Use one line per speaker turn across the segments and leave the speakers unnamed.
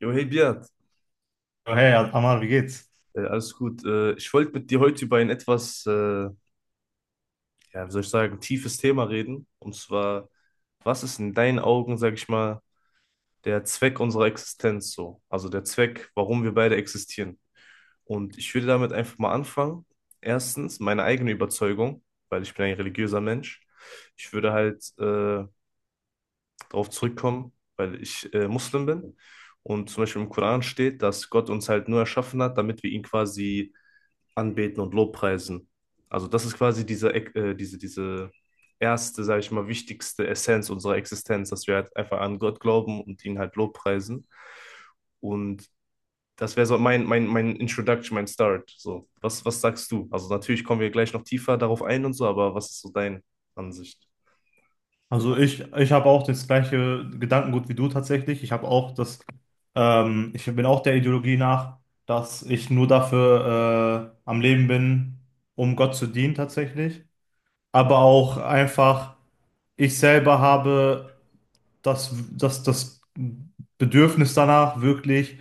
Jo, hey Beat,
Ja, hey, Amar, wie geht's?
alles gut. Ich wollte mit dir heute über ein etwas, ja, wie soll ich sagen, tiefes Thema reden. Und zwar, was ist in deinen Augen, sag ich mal, der Zweck unserer Existenz so? Also der Zweck, warum wir beide existieren. Und ich würde damit einfach mal anfangen. Erstens, meine eigene Überzeugung, weil ich bin ein religiöser Mensch. Ich würde halt darauf zurückkommen, weil ich Muslim bin und zum Beispiel im Koran steht, dass Gott uns halt nur erschaffen hat, damit wir ihn quasi anbeten und lobpreisen. Also das ist quasi diese erste, sage ich mal, wichtigste Essenz unserer Existenz, dass wir halt einfach an Gott glauben und ihn halt lobpreisen. Und das wäre so mein Introduction, mein Start. So, was sagst du? Also natürlich kommen wir gleich noch tiefer darauf ein und so, aber was ist so deine Ansicht?
Also ich habe auch das gleiche Gedankengut wie du tatsächlich. Ich habe auch ich bin auch der Ideologie nach, dass ich nur dafür am Leben bin, um Gott zu dienen tatsächlich. Aber auch einfach, ich selber habe das Bedürfnis danach, wirklich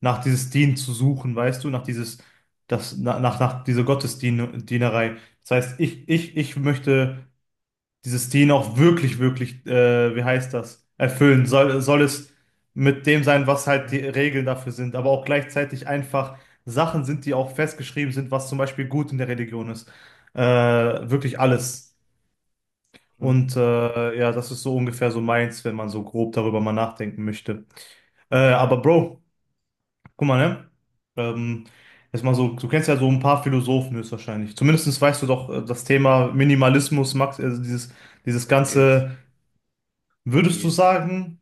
nach dieses Dienen zu suchen, weißt du, nach dieses, das, nach, nach, nach dieser Gottesdienerei. Das heißt, ich möchte dieses Ding auch wirklich, wirklich, wie heißt das, erfüllen. Soll es mit dem sein, was halt die Regeln dafür sind, aber auch gleichzeitig einfach Sachen sind, die auch festgeschrieben sind, was zum Beispiel gut in der Religion ist. Äh, Wirklich alles.
Mhm.
Und ja, das ist so ungefähr so meins, wenn man so grob darüber mal nachdenken möchte. Aber Bro, guck mal, ne? Ähm, Jetzt mal so, du kennst ja so ein paar Philosophen höchstwahrscheinlich. Zumindest weißt du doch das Thema Minimalismus, Max, also dieses
Geht,
ganze. Würdest du
geht.
sagen,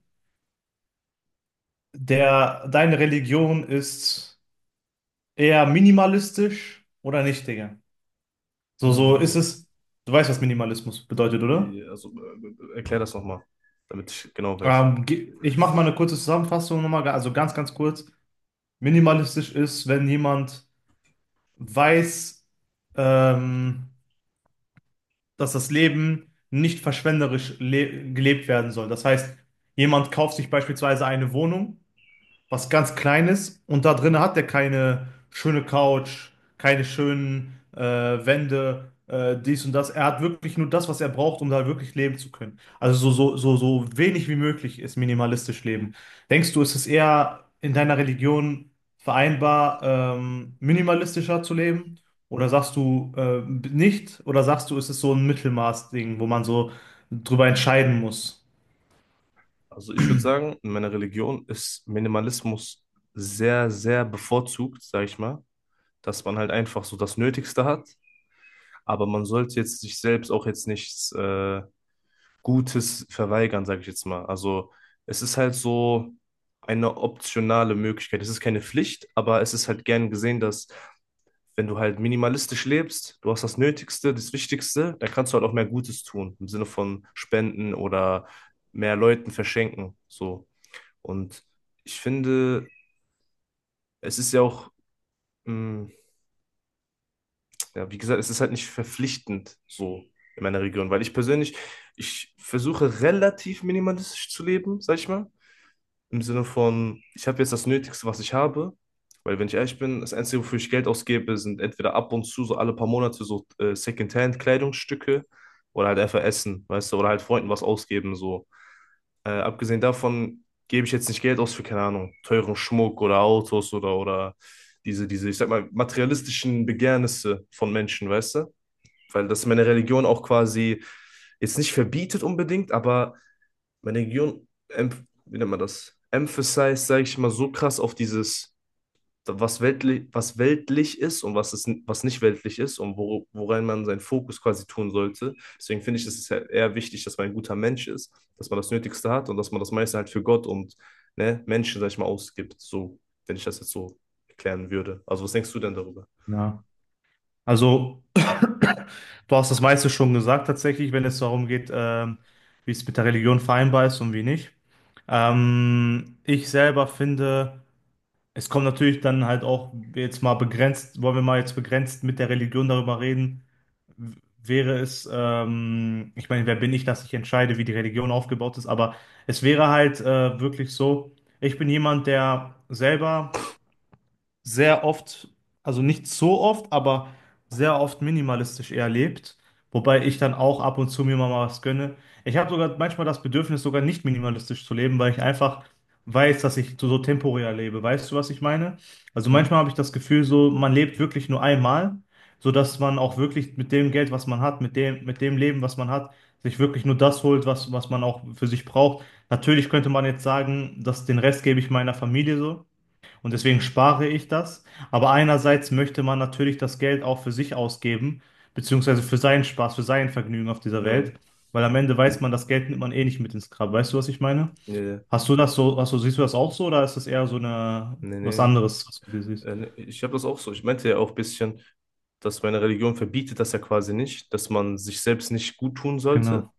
der, deine Religion ist eher minimalistisch oder nicht, Digga? So, so
Hm,
ist es. Du weißt, was Minimalismus bedeutet, oder?
ja, also erklär das nochmal, damit ich genau weiß.
Ich mache mal eine kurze Zusammenfassung nochmal, also ganz kurz. Minimalistisch ist, wenn jemand weiß, ähm, dass das Leben nicht verschwenderisch le gelebt werden soll. Das heißt, jemand kauft sich beispielsweise eine Wohnung, was ganz Kleines, und da drin hat er keine schöne Couch, keine schönen Wände, dies und das. Er hat wirklich nur das, was er braucht, um da wirklich leben zu können. Also so wenig wie möglich ist minimalistisch leben. Denkst du, ist es eher in deiner Religion vereinbar, minimalistischer zu leben? Oder sagst du nicht? Oder sagst du, ist es so ein Mittelmaß-Ding, wo man so drüber entscheiden muss?
Also ich würde sagen, in meiner Religion ist Minimalismus sehr, sehr bevorzugt, sage ich mal, dass man halt einfach so das Nötigste hat, aber man sollte jetzt sich selbst auch jetzt nichts Gutes verweigern, sage ich jetzt mal. Also es ist halt so eine optionale Möglichkeit. Es ist keine Pflicht, aber es ist halt gern gesehen, dass wenn du halt minimalistisch lebst, du hast das Nötigste, das Wichtigste, dann kannst du halt auch mehr Gutes tun, im Sinne von Spenden oder mehr Leuten verschenken, so. Und ich finde, es ist ja auch, mh, ja, wie gesagt, es ist halt nicht verpflichtend, so in meiner Region, weil ich persönlich, ich versuche relativ minimalistisch zu leben, sag ich mal. Im Sinne von, ich habe jetzt das Nötigste, was ich habe, weil wenn ich ehrlich bin, das Einzige, wofür ich Geld ausgebe, sind entweder ab und zu, so alle paar Monate, so Secondhand-Kleidungsstücke oder halt einfach Essen, weißt du, oder halt Freunden was ausgeben, so. Abgesehen davon gebe ich jetzt nicht Geld aus für, keine Ahnung, teuren Schmuck oder Autos oder diese, ich sag mal, materialistischen Begehrnisse von Menschen, weißt du? Weil das meine Religion auch quasi jetzt nicht verbietet unbedingt, aber meine Region, wie nennt man das? Emphasized, sage ich mal, so krass auf dieses, was weltlich ist und was nicht weltlich ist und woran man seinen Fokus quasi tun sollte. Deswegen finde ich, es ist halt eher wichtig, dass man ein guter Mensch ist, dass man das Nötigste hat und dass man das meiste halt für Gott und ne, Menschen, sage ich mal, ausgibt. So, wenn ich das jetzt so erklären würde. Also, was denkst du denn darüber?
Ja. Also du hast das meiste schon gesagt, tatsächlich, wenn es darum geht, wie es mit der Religion vereinbar ist und wie nicht. Ich selber finde, es kommt natürlich dann halt auch jetzt mal begrenzt, wollen wir mal jetzt begrenzt mit der Religion darüber reden, w- wäre es, ich meine, wer bin ich, dass ich entscheide, wie die Religion aufgebaut ist, aber es wäre halt wirklich so, ich bin jemand, der selber sehr oft, also nicht so oft, aber sehr oft minimalistisch eher lebt. Wobei ich dann auch ab und zu mir mal was gönne. Ich habe sogar manchmal das Bedürfnis, sogar nicht minimalistisch zu leben, weil ich einfach weiß, dass ich so, so temporär lebe. Weißt du, was ich meine? Also
Hm,
manchmal habe ich das Gefühl, so man lebt wirklich nur einmal, sodass man auch wirklich mit dem Geld, was man hat, mit dem Leben, was man hat, sich wirklich nur das holt, was, was man auch für sich braucht. Natürlich könnte man jetzt sagen, dass den Rest gebe ich meiner Familie so. Und deswegen spare ich das. Aber einerseits möchte man natürlich das Geld auch für sich ausgeben, beziehungsweise für seinen Spaß, für sein Vergnügen auf dieser Welt.
hm,
Weil am Ende weiß man, das Geld nimmt man eh nicht mit ins Grab. Weißt du, was ich meine?
nee,
Hast du das so, hast du, siehst du das auch so, oder ist das eher so eine,
nee,
was
nee.
anderes, was du siehst?
Ne, ich habe das auch so. Ich meinte ja auch ein bisschen, dass meine Religion verbietet das ja quasi nicht, dass man sich selbst nicht gut tun sollte,
Genau.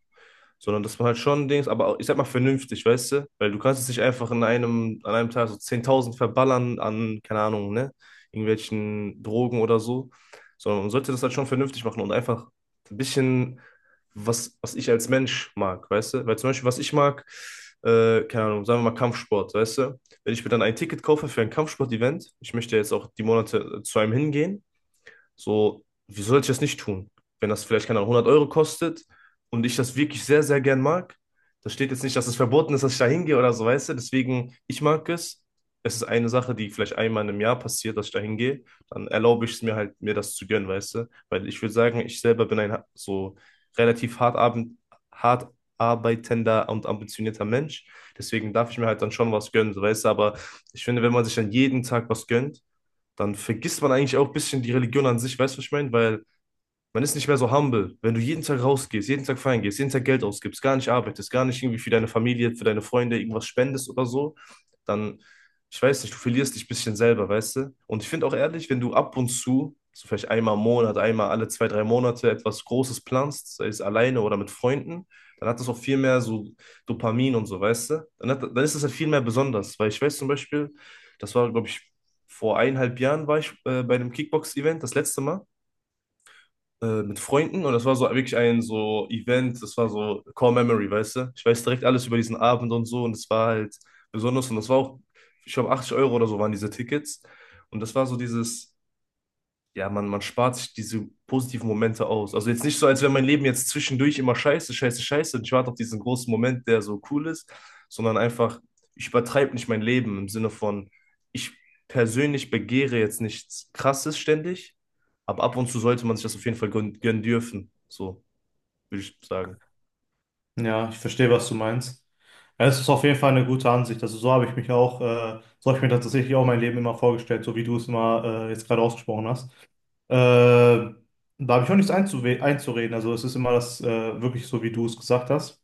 sondern das war halt schon Dings, aber ich sag mal vernünftig, weißt du? Weil du kannst es nicht einfach an einem Tag so 10.000 verballern an, keine Ahnung, ne? Irgendwelchen Drogen oder so, sondern man sollte das halt schon vernünftig machen und einfach ein bisschen, was ich als Mensch mag, weißt du? Weil zum Beispiel, was ich mag, keine Ahnung, sagen wir mal Kampfsport, weißt du? Wenn ich mir dann ein Ticket kaufe für ein Kampfsport-Event, ich möchte jetzt auch die Monate zu einem hingehen, so, wieso sollte ich das nicht tun? Wenn das vielleicht, keine Ahnung, 100 € kostet und ich das wirklich sehr, sehr gern mag, da steht jetzt nicht, dass es verboten ist, dass ich da hingehe oder so, weißt du? Deswegen, ich mag es. Es ist eine Sache, die vielleicht einmal im Jahr passiert, dass ich da hingehe. Dann erlaube ich es mir halt, mir das zu gönnen, weißt du? Weil ich würde sagen, ich selber bin so relativ hart arbeitender und ambitionierter Mensch. Deswegen darf ich mir halt dann schon was gönnen, so, weißt du? Aber ich finde, wenn man sich dann jeden Tag was gönnt, dann vergisst man eigentlich auch ein bisschen die Religion an sich, weißt du, was ich meine? Weil man ist nicht mehr so humble. Wenn du jeden Tag rausgehst, jeden Tag feiern gehst, jeden Tag Geld ausgibst, gar nicht arbeitest, gar nicht irgendwie für deine Familie, für deine Freunde irgendwas spendest oder so, dann, ich weiß nicht, du verlierst dich ein bisschen selber, weißt du? Und ich finde auch ehrlich, wenn du ab und zu, so vielleicht einmal im Monat, einmal alle zwei, drei Monate etwas Großes planst, sei es alleine oder mit Freunden, dann hat das auch viel mehr so Dopamin und so, weißt du? Dann ist das halt viel mehr besonders, weil ich weiß zum Beispiel, das war, glaube ich, vor 1,5 Jahren war ich bei einem Kickbox-Event, das letzte Mal mit Freunden und das war so wirklich ein so Event, das war so Core Memory, weißt du? Ich weiß direkt alles über diesen Abend und so und es war halt besonders und das war auch, ich glaube, 80 € oder so waren diese Tickets und das war so dieses ja, man spart sich diese positiven Momente aus. Also jetzt nicht so, als wäre mein Leben jetzt zwischendurch immer scheiße, scheiße, scheiße und ich warte auf diesen großen Moment, der so cool ist, sondern einfach, ich übertreibe nicht mein Leben im Sinne von, ich persönlich begehre jetzt nichts Krasses ständig, aber ab und zu sollte man sich das auf jeden Fall gönnen dürfen, so würde ich sagen.
Ja, ich verstehe, was du meinst. Ja, es ist auf jeden Fall eine gute Ansicht. Also so habe ich mich auch, so habe ich mir tatsächlich auch mein Leben immer vorgestellt, so wie du es immer jetzt gerade ausgesprochen hast. Äh, Da habe ich auch nichts einzureden. Also es ist immer das wirklich so, wie du es gesagt hast.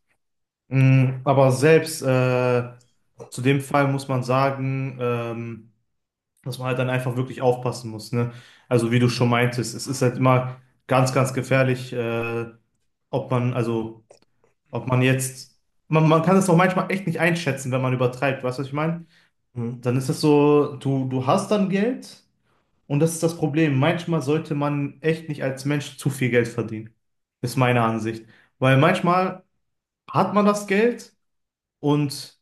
Mm, aber selbst zu dem Fall muss man sagen, dass man halt dann einfach wirklich aufpassen muss. Ne? Also wie du schon
Hm,
meintest, es ist halt immer ganz gefährlich, ob man, also ob man jetzt, man kann es auch manchmal echt nicht einschätzen, wenn man übertreibt, weißt du, was ich meine?
hm,
Dann ist es so, du hast dann Geld und das ist das Problem. Manchmal sollte man echt nicht als Mensch zu viel Geld verdienen, ist meine Ansicht. Weil manchmal hat man das Geld und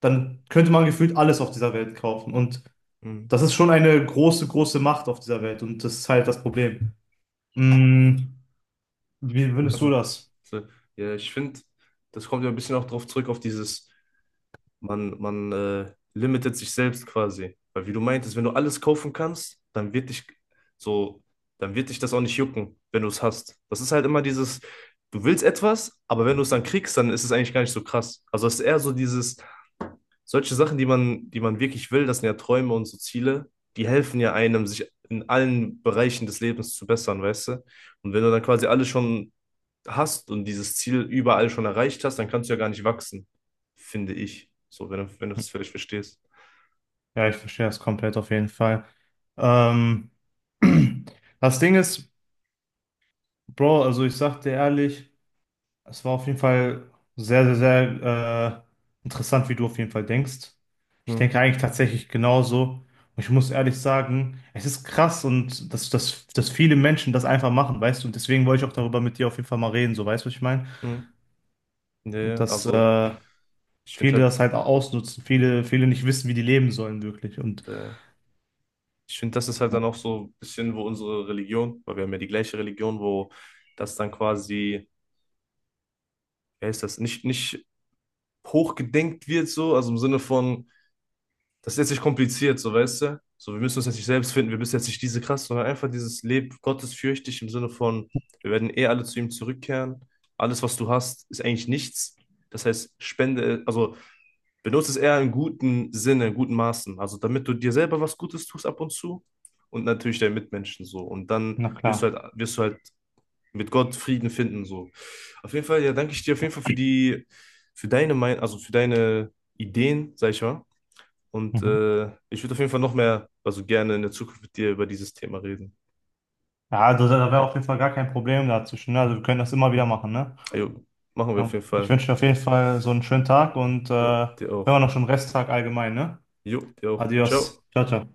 dann könnte man gefühlt alles auf dieser Welt kaufen. Und
hm.
das ist schon eine große Macht auf dieser Welt und das ist halt das Problem. Mm, wie findest du
Also,
das?
so, ja, ich finde, das kommt ja ein bisschen auch drauf zurück auf dieses Man limitet sich selbst quasi. Weil wie du meintest, wenn du alles kaufen kannst, so, dann wird dich das auch nicht jucken, wenn du es hast. Das ist halt immer dieses, du willst etwas, aber wenn du es dann kriegst, dann ist es eigentlich gar nicht so krass. Also es ist eher so dieses, solche Sachen, die man wirklich will, das sind ja Träume und so Ziele, die helfen ja einem, sich in allen Bereichen des Lebens zu bessern, weißt du? Und wenn du dann quasi alles schon hast und dieses Ziel überall schon erreicht hast, dann kannst du ja gar nicht wachsen, finde ich. So, wenn du das völlig verstehst.
Ja, ich verstehe das komplett auf jeden Fall. Ähm, Das Ding ist, Bro, also ich sag dir ehrlich, es war auf jeden Fall sehr interessant, wie du auf jeden Fall denkst. Ich
Hm,
denke eigentlich tatsächlich genauso. Und ich muss ehrlich sagen, es ist krass und dass viele Menschen das einfach machen, weißt du? Und deswegen wollte ich auch darüber mit dir auf jeden Fall mal reden, so, weißt du, was ich meine?
hm. Ja,
Und
ja,
dass
also ich finde
viele
halt,
das halt ausnutzen, viele nicht wissen, wie die leben sollen, wirklich. Und
äh, das ist halt dann auch so ein bisschen, wo unsere Religion, weil wir haben ja die gleiche Religion, wo das dann quasi, wie heißt das, nicht hochgedenkt wird, so, also im Sinne von, das ist jetzt nicht kompliziert, so weißt du? So, wir müssen uns jetzt nicht selbst finden, wir müssen jetzt nicht diese krass, sondern einfach dieses Leben gottesfürchtig im Sinne von, wir werden eh alle zu ihm zurückkehren. Alles, was du hast, ist eigentlich nichts. Das heißt, spende, also benutze es eher in guten Sinne, in guten Maßen. Also damit du dir selber was Gutes tust ab und zu und natürlich deinen Mitmenschen so. Und dann
na
wirst du
klar.
halt, mit Gott Frieden finden so. Auf jeden Fall, ja, danke ich dir auf jeden Fall für deine Meinung, also für deine Ideen, sag ich mal. Und
Mhm.
ich würde auf jeden Fall noch mehr, also gerne in der Zukunft mit dir über dieses Thema reden.
Ja, also da wäre auf jeden Fall gar kein Problem dazwischen, ne? Also wir können das immer wieder
Hm?
machen, ne?
Jo, machen wir auf
Ja.
jeden
Ich
Fall.
wünsche dir auf jeden Fall so einen schönen Tag und
Jo, dir
wenn
auch.
wir noch schon Resttag allgemein, ne?
Jo, dir auch. Ciao.
Adios. Ciao, ciao.